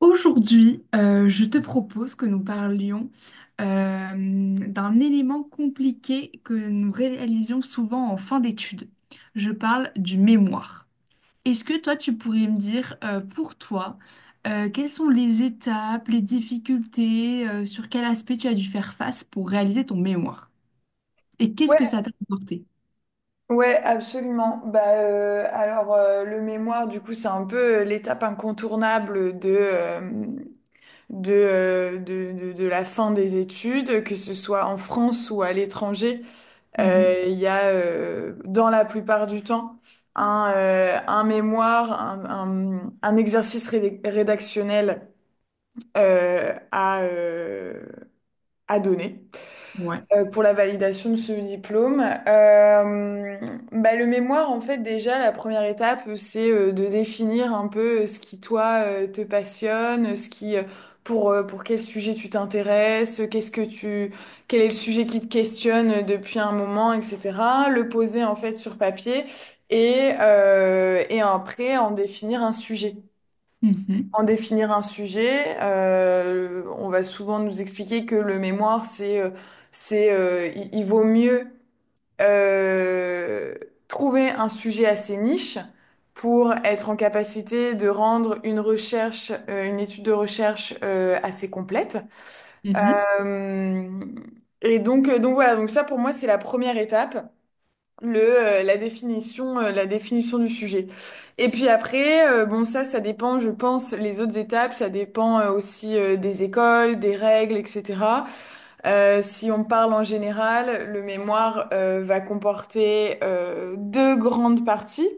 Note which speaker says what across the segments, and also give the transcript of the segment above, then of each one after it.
Speaker 1: Aujourd'hui, je te propose que nous parlions euh, d'un élément compliqué que nous réalisions souvent en fin d'études. Je parle du mémoire. Est-ce que toi, tu pourrais me dire, pour toi, quelles sont les étapes, les difficultés, sur quel aspect tu as dû faire face pour réaliser ton mémoire? Et qu'est-ce
Speaker 2: Ouais,
Speaker 1: que ça t'a apporté?
Speaker 2: ouais, absolument. Alors, le mémoire, du coup, c'est un peu l'étape incontournable de la fin des études, que ce soit en France ou à l'étranger.
Speaker 1: Mhm.
Speaker 2: Il y a, dans la plupart du temps, un mémoire, un exercice rédactionnel euh, à, euh, à donner,
Speaker 1: Ouais.
Speaker 2: pour la validation de ce diplôme. Euh, le mémoire, en fait, déjà, la première étape, c'est de définir un peu ce qui, toi, te passionne, pour quel sujet tu t'intéresses, quel est le sujet qui te questionne depuis un moment, etc. Le poser, en fait, sur papier et après, en définir un sujet.
Speaker 1: Mhm.
Speaker 2: On va souvent nous expliquer que le mémoire, il vaut mieux euh, trouver un sujet assez niche pour être en capacité de rendre une recherche, une étude de recherche assez complète.
Speaker 1: Mhm.
Speaker 2: Euh, donc ça pour moi c'est la première étape, le la définition du sujet. Et puis après, bon, ça dépend, je pense, les autres étapes, ça dépend aussi des écoles, des règles, etc. Si on parle en général, le mémoire va comporter deux grandes parties: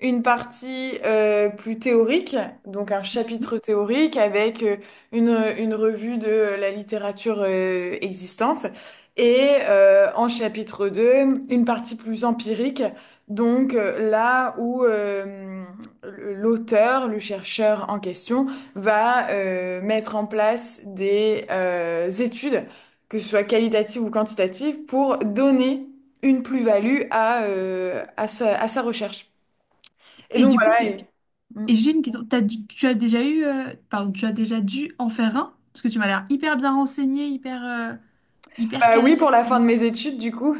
Speaker 2: une partie plus théorique, donc un chapitre théorique avec une, une revue de la littérature existante, et en chapitre 2, une partie plus empirique, donc là où l'auteur, le chercheur en question, va mettre en place des études, que ce soit qualitatives ou quantitatives, pour donner une plus-value à sa recherche. Et
Speaker 1: Et
Speaker 2: donc
Speaker 1: du coup,
Speaker 2: voilà.
Speaker 1: et
Speaker 2: Mm.
Speaker 1: j'ai une question. Tu as déjà eu, pardon, tu as déjà dû en faire un? Parce que tu m'as l'air hyper bien renseigné, hyper, hyper
Speaker 2: Bah
Speaker 1: calé
Speaker 2: oui,
Speaker 1: sur
Speaker 2: pour la
Speaker 1: le
Speaker 2: fin de
Speaker 1: sujet.
Speaker 2: mes études, du coup.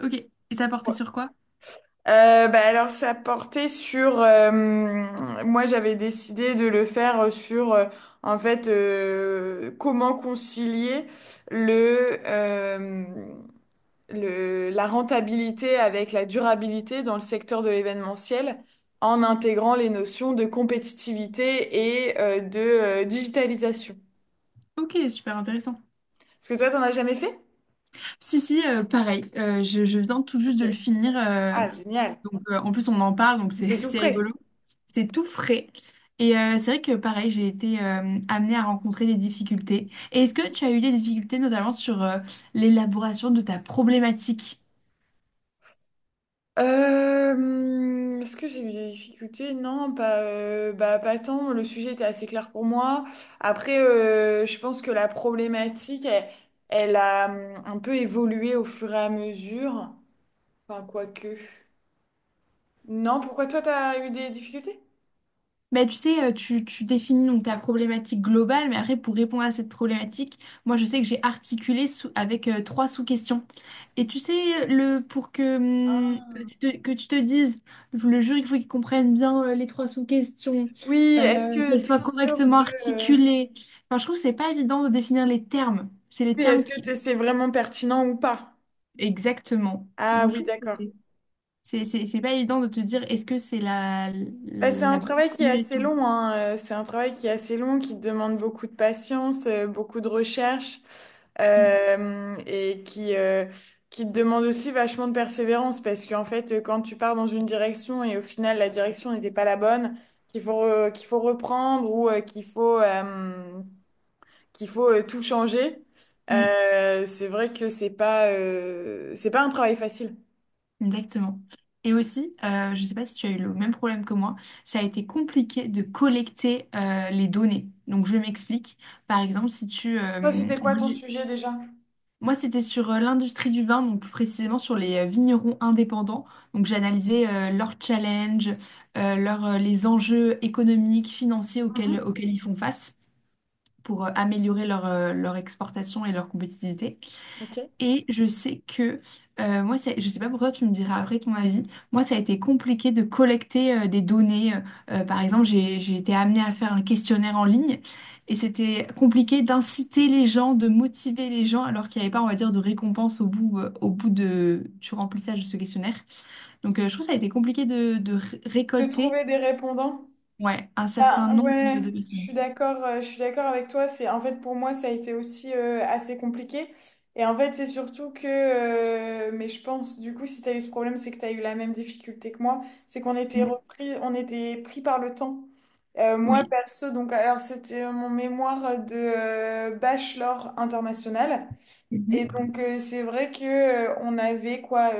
Speaker 1: Ok. Et ça portait sur quoi?
Speaker 2: Alors, ça portait sur, moi, j'avais décidé de le faire sur, comment concilier le, euh, la rentabilité avec la durabilité dans le secteur de l'événementiel en intégrant les notions de compétitivité et de digitalisation.
Speaker 1: Ok, super intéressant.
Speaker 2: Est-ce que toi, t'en as jamais fait?
Speaker 1: Si, si, pareil. Je viens tout juste
Speaker 2: Ok.
Speaker 1: de le finir.
Speaker 2: Ah, génial.
Speaker 1: Donc, en plus, on en parle, donc c'est
Speaker 2: C'est tout
Speaker 1: c'est
Speaker 2: frais.
Speaker 1: rigolo. C'est tout frais. Et c'est vrai que, pareil, j'ai été amenée à rencontrer des difficultés. Et est-ce que tu as eu des difficultés, notamment sur l'élaboration de ta problématique?
Speaker 2: Est-ce que j'ai eu des difficultés? Non, pas tant. Le sujet était assez clair pour moi. Après, je pense que la problématique, elle, elle a un peu évolué au fur et à mesure. Enfin, quoique. Non, pourquoi toi, t'as eu des difficultés?
Speaker 1: Bah, tu sais, tu définis donc ta problématique globale, mais après, pour répondre à cette problématique, moi, je sais que j'ai avec trois sous-questions. Et tu sais, pour que, hum, que tu te dises, le jury, il faut qu'il comprenne bien les trois sous-questions,
Speaker 2: Oui, est-ce que
Speaker 1: qu'elles
Speaker 2: t'es
Speaker 1: soient
Speaker 2: sûr
Speaker 1: correctement
Speaker 2: de...
Speaker 1: articulées. Enfin, je trouve que c'est pas évident de définir les termes. C'est les
Speaker 2: Oui,
Speaker 1: termes qui...
Speaker 2: c'est vraiment pertinent ou pas?
Speaker 1: Exactement.
Speaker 2: Ah
Speaker 1: Donc, je
Speaker 2: oui,
Speaker 1: trouve que
Speaker 2: d'accord.
Speaker 1: c'est pas évident de te dire est-ce que c'est
Speaker 2: Bah, c'est un
Speaker 1: la bonne
Speaker 2: travail qui est assez
Speaker 1: formulation.
Speaker 2: long, hein. C'est un travail qui est assez long, qui demande beaucoup de patience, beaucoup de recherche,
Speaker 1: Mm,
Speaker 2: et qui qui te demande aussi vachement de persévérance parce qu'en fait, quand tu pars dans une direction et au final la direction n'était pas la bonne, qu'il faut reprendre ou qu'il faut tout changer,
Speaker 1: mm.
Speaker 2: c'est vrai que c'est pas un travail facile.
Speaker 1: Exactement. Et aussi, je ne sais pas si tu as eu le même problème que moi, ça a été compliqué de collecter les données. Donc, je m'explique. Par exemple, si
Speaker 2: Toi, c'était quoi
Speaker 1: moi,
Speaker 2: ton sujet déjà?
Speaker 1: moi, c'était sur l'industrie du vin, donc plus précisément sur les vignerons indépendants. Donc, j'analysais leurs challenges, les enjeux économiques, financiers
Speaker 2: Mhm.
Speaker 1: auxquels ils font face pour améliorer leur exportation et leur compétitivité.
Speaker 2: Ok.
Speaker 1: Et je sais que, moi, je sais pas pourquoi, tu me diras après ton avis, moi, ça a été compliqué de collecter des données. Par exemple, j'ai été amenée à faire un questionnaire en ligne et c'était compliqué d'inciter les gens, de motiver les gens alors qu'il n'y avait pas, on va dire, de récompense au bout du remplissage de ce questionnaire. Donc, je trouve que ça a été compliqué
Speaker 2: De
Speaker 1: récolter,
Speaker 2: trouver des répondants.
Speaker 1: ouais, un certain
Speaker 2: Ben,
Speaker 1: nombre
Speaker 2: ouais,
Speaker 1: de
Speaker 2: je
Speaker 1: personnes.
Speaker 2: suis d'accord, euh, je suis d'accord avec toi. C'est, en fait, pour moi, ça a été aussi assez compliqué. Et en fait, c'est surtout que, mais je pense, du coup, si tu as eu ce problème, c'est que tu as eu la même difficulté que moi. C'est
Speaker 1: Mm.
Speaker 2: on était pris par le temps. Moi,
Speaker 1: Oui.
Speaker 2: perso, donc, alors, c'était mon mémoire de bachelor international.
Speaker 1: Mm-hmm.
Speaker 2: Et donc, c'est vrai que on avait quoi?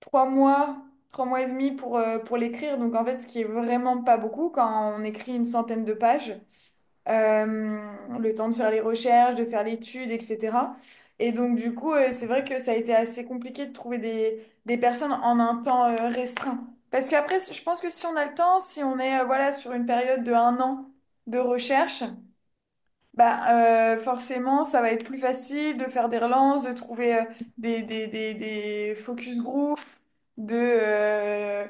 Speaker 2: trois mois, trois mois et demi pour l'écrire. Donc en fait, ce qui est vraiment pas beaucoup quand on écrit une centaine de pages. Euh, le temps de faire les recherches, de faire l'étude, etc. Et donc du coup, c'est vrai que ça a été assez compliqué de trouver des personnes en un temps restreint. Parce qu'après, je pense que si on a le temps, si on est voilà, sur une période de un an de recherche, forcément, ça va être plus facile de faire des relances, de trouver des focus group, de, euh,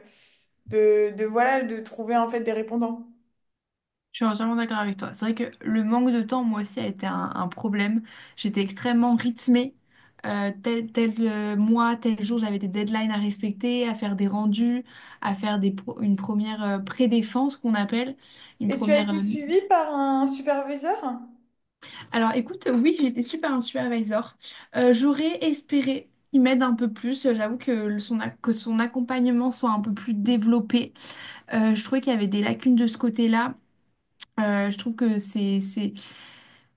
Speaker 2: voilà, de trouver en fait des répondants.
Speaker 1: Je suis entièrement d'accord avec toi. C'est vrai que le manque de temps, moi aussi, a été un problème. J'étais extrêmement rythmée. Tel mois, tel jour, j'avais des deadlines à respecter, à faire des rendus, à faire une première pré-défense qu'on appelle. Une
Speaker 2: Et tu as
Speaker 1: première.
Speaker 2: été suivi par un superviseur?
Speaker 1: Alors écoute, oui, j'étais super un supervisor. J'aurais espéré qu'il m'aide un peu plus. J'avoue que que son accompagnement soit un peu plus développé. Je trouvais qu'il y avait des lacunes de ce côté-là. Je trouve que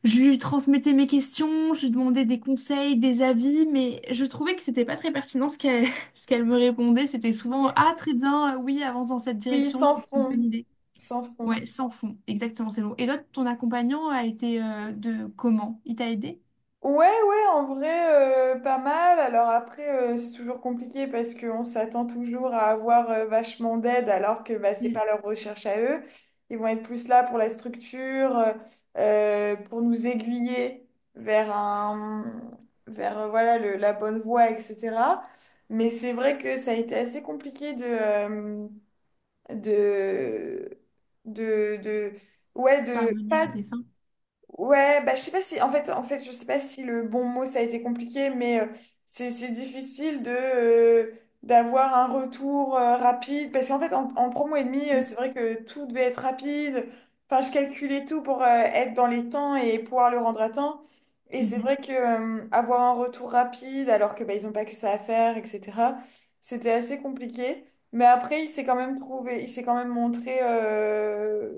Speaker 1: je lui transmettais mes questions, je lui demandais des conseils, des avis, mais je trouvais que c'était pas très pertinent ce qu'elle ce qu'elle me répondait. C'était souvent:
Speaker 2: Ok.
Speaker 1: ah, très bien, oui, avance dans cette
Speaker 2: Oui,
Speaker 1: direction,
Speaker 2: sans
Speaker 1: c'est une bonne
Speaker 2: fond,
Speaker 1: idée.
Speaker 2: sans fond.
Speaker 1: Ouais, sans fond, exactement, c'est long. Et toi, ton accompagnant a été de comment? Il t'a aidé?
Speaker 2: Ouais, en vrai, pas mal. Alors après, c'est toujours compliqué parce qu'on s'attend toujours à avoir vachement d'aide alors que bah, c'est
Speaker 1: Mm.
Speaker 2: pas leur recherche à eux. Ils vont être plus là pour la structure, pour nous aiguiller vers un, vers voilà, la bonne voie, etc. Mais c'est vrai que ça a été assez compliqué de, de ouais, de
Speaker 1: Parvenir
Speaker 2: pas...
Speaker 1: à tes fins?
Speaker 2: Ouais, bah, je sais pas si le bon mot ça a été compliqué, mais c'est difficile de d'avoir un retour rapide parce qu'en fait, en trois mois et demi,
Speaker 1: Mm.
Speaker 2: c'est vrai que tout devait être rapide. Enfin, je calculais tout pour être dans les temps et pouvoir le rendre à temps. Et c'est
Speaker 1: Mhm.
Speaker 2: vrai que avoir un retour rapide alors que bah, ils ont pas que ça à faire, etc. C'était assez compliqué. Mais après, il s'est quand même montré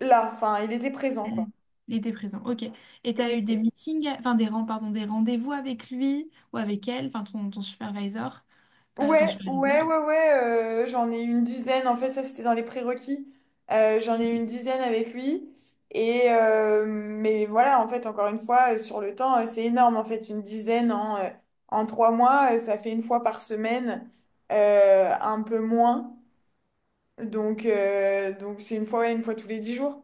Speaker 2: là. Enfin, il était présent, quoi.
Speaker 1: Mhm. Il était présent, ok. Et t'as eu des meetings, enfin pardon, des rendez-vous avec lui ou avec elle, enfin ton supervisor, ton
Speaker 2: Ouais, ouais,
Speaker 1: superviseur.
Speaker 2: ouais, ouais, euh, j'en ai eu une dizaine, en fait, ça c'était dans les prérequis. Euh, j'en ai eu une
Speaker 1: Ok.
Speaker 2: dizaine avec lui. Et mais voilà, en fait, encore une fois, sur le temps, c'est énorme, en fait, une dizaine en, en trois mois, ça fait une fois par semaine, un peu moins. Donc c'est une fois, ouais, une fois tous les dix jours.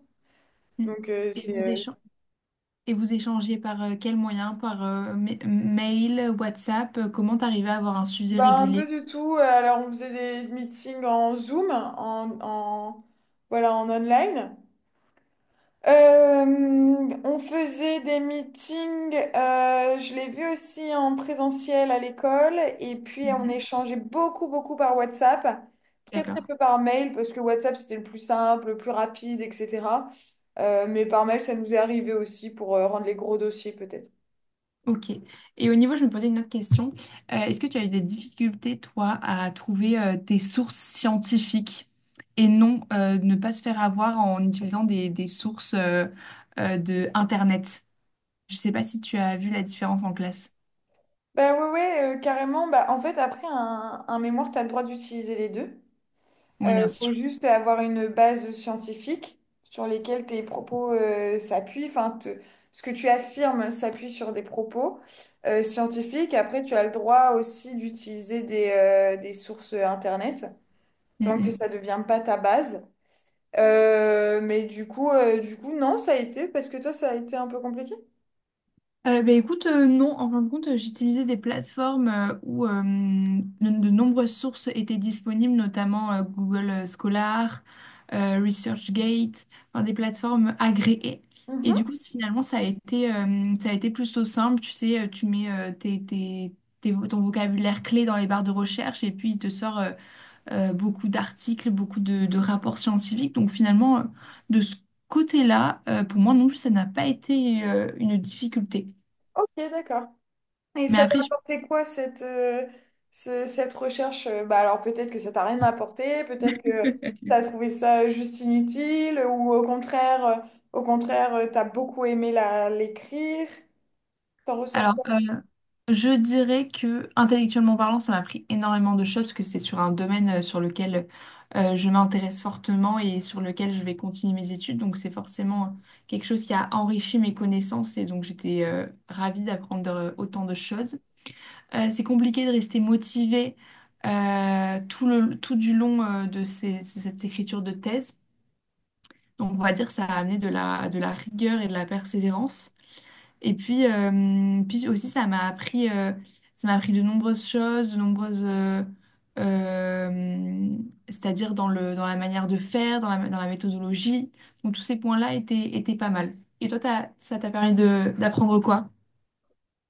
Speaker 1: Mm.
Speaker 2: Donc,
Speaker 1: Et
Speaker 2: c'est
Speaker 1: vos échanges, et vous échangez par quel moyen? Par mail, WhatsApp? Comment t'arrives à avoir un sujet
Speaker 2: Bah, un peu
Speaker 1: régulier?
Speaker 2: du tout. Alors, on faisait des meetings en Zoom, voilà, en online. Euh, on faisait des meetings, je l'ai vu aussi en présentiel à l'école, et puis on
Speaker 1: Mhm.
Speaker 2: échangeait beaucoup, beaucoup par WhatsApp, très, très
Speaker 1: D'accord.
Speaker 2: peu par mail, parce que WhatsApp c'était le plus simple, le plus rapide, etc. Mais par mail, ça nous est arrivé aussi pour rendre les gros dossiers peut-être.
Speaker 1: Ok. Et au niveau, je me posais une autre question. Est-ce que tu as eu des difficultés, toi, à trouver des sources scientifiques et non ne pas se faire avoir en utilisant des sources de Internet? Je ne sais pas si tu as vu la différence en classe.
Speaker 2: Bah ouais, ouais, carrément. Bah, en fait, après un mémoire, tu as le droit d'utiliser les deux.
Speaker 1: Oui, bien
Speaker 2: Faut
Speaker 1: sûr.
Speaker 2: juste avoir une base scientifique sur lesquelles tes propos s'appuient. Ce que tu affirmes s'appuie sur des propos scientifiques. Après, tu as le droit aussi d'utiliser des sources Internet,
Speaker 1: Mm,
Speaker 2: tant que
Speaker 1: mm.
Speaker 2: ça ne devient pas ta base. Mais du coup, non, ça a été, parce que toi, ça a été un peu compliqué.
Speaker 1: Bah, écoute, non, en fin de compte, j'utilisais des plateformes de nombreuses sources étaient disponibles, notamment Google Scholar, ResearchGate, enfin, des plateformes agréées. Et
Speaker 2: Mhm.
Speaker 1: du coup, finalement, ça a été plutôt simple. Tu sais, tu mets ton vocabulaire clé dans les barres de recherche et puis il te sort beaucoup d'articles, beaucoup de rapports scientifiques. Donc finalement, de ce côté-là, pour moi non plus, ça n'a pas été une difficulté.
Speaker 2: Ok, d'accord. Et
Speaker 1: Mais
Speaker 2: ça t'a
Speaker 1: après,
Speaker 2: apporté quoi cette, cette recherche? Bah alors peut-être que ça t'a rien apporté, peut-être que t'as trouvé ça juste inutile, ou au contraire, au contraire, t'as beaucoup aimé la l'écrire. T'en ressors
Speaker 1: alors,
Speaker 2: quoi?
Speaker 1: je dirais que intellectuellement parlant, ça m'a pris énormément de choses parce que c'est sur un domaine sur lequel je m'intéresse fortement et sur lequel je vais continuer mes études. Donc, c'est forcément quelque chose qui a enrichi mes connaissances et donc j'étais ravie d'apprendre autant de choses. C'est compliqué de rester motivé tout du long de cette écriture de thèse. Donc, on va dire que ça a amené de la rigueur et de la persévérance. Et puis, puis aussi, ça m'a appris de nombreuses choses, euh, c'est-à-dire dans la manière de faire, dans la méthodologie. Donc, tous ces points-là étaient pas mal. Et toi, ça t'a permis d'apprendre quoi?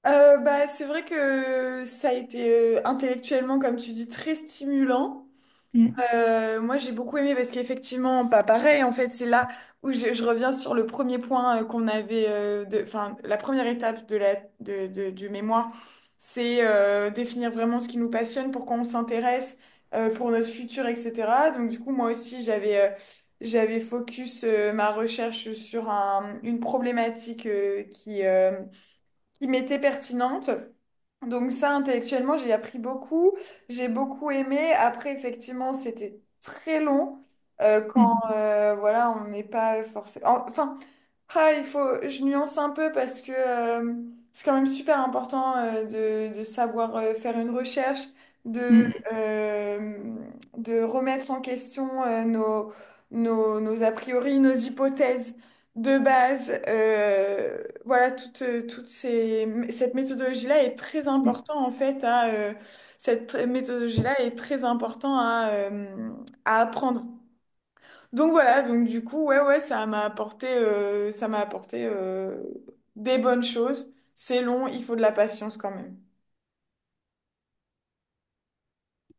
Speaker 2: Bah, c'est vrai que ça a été intellectuellement, comme tu dis, très stimulant.
Speaker 1: Mm,
Speaker 2: Moi, j'ai beaucoup aimé parce qu'effectivement, pas pareil. En fait, c'est là où je reviens sur le premier point qu'on avait, la première étape de du mémoire, c'est définir vraiment ce qui nous passionne, pourquoi on s'intéresse, pour notre futur, etc. Donc, du coup, moi aussi, j'avais focus ma recherche sur une problématique qui qui m'était pertinente. Donc ça, intellectuellement, j'ai appris beaucoup. J'ai beaucoup aimé. Après, effectivement, c'était très long quand
Speaker 1: mm,
Speaker 2: voilà, on n'est pas forcément... Enfin, ah, il faut, je nuance un peu parce que c'est quand même super important de savoir faire une recherche, de,
Speaker 1: mm,
Speaker 2: euh, de remettre en question nos a priori, nos hypothèses de base. Voilà, toute ces, cette méthodologie-là est très
Speaker 1: mm.
Speaker 2: important en fait à, cette méthodologie-là est très important à apprendre. Donc voilà, ça m'a apporté, des bonnes choses. C'est long, il faut de la patience quand même.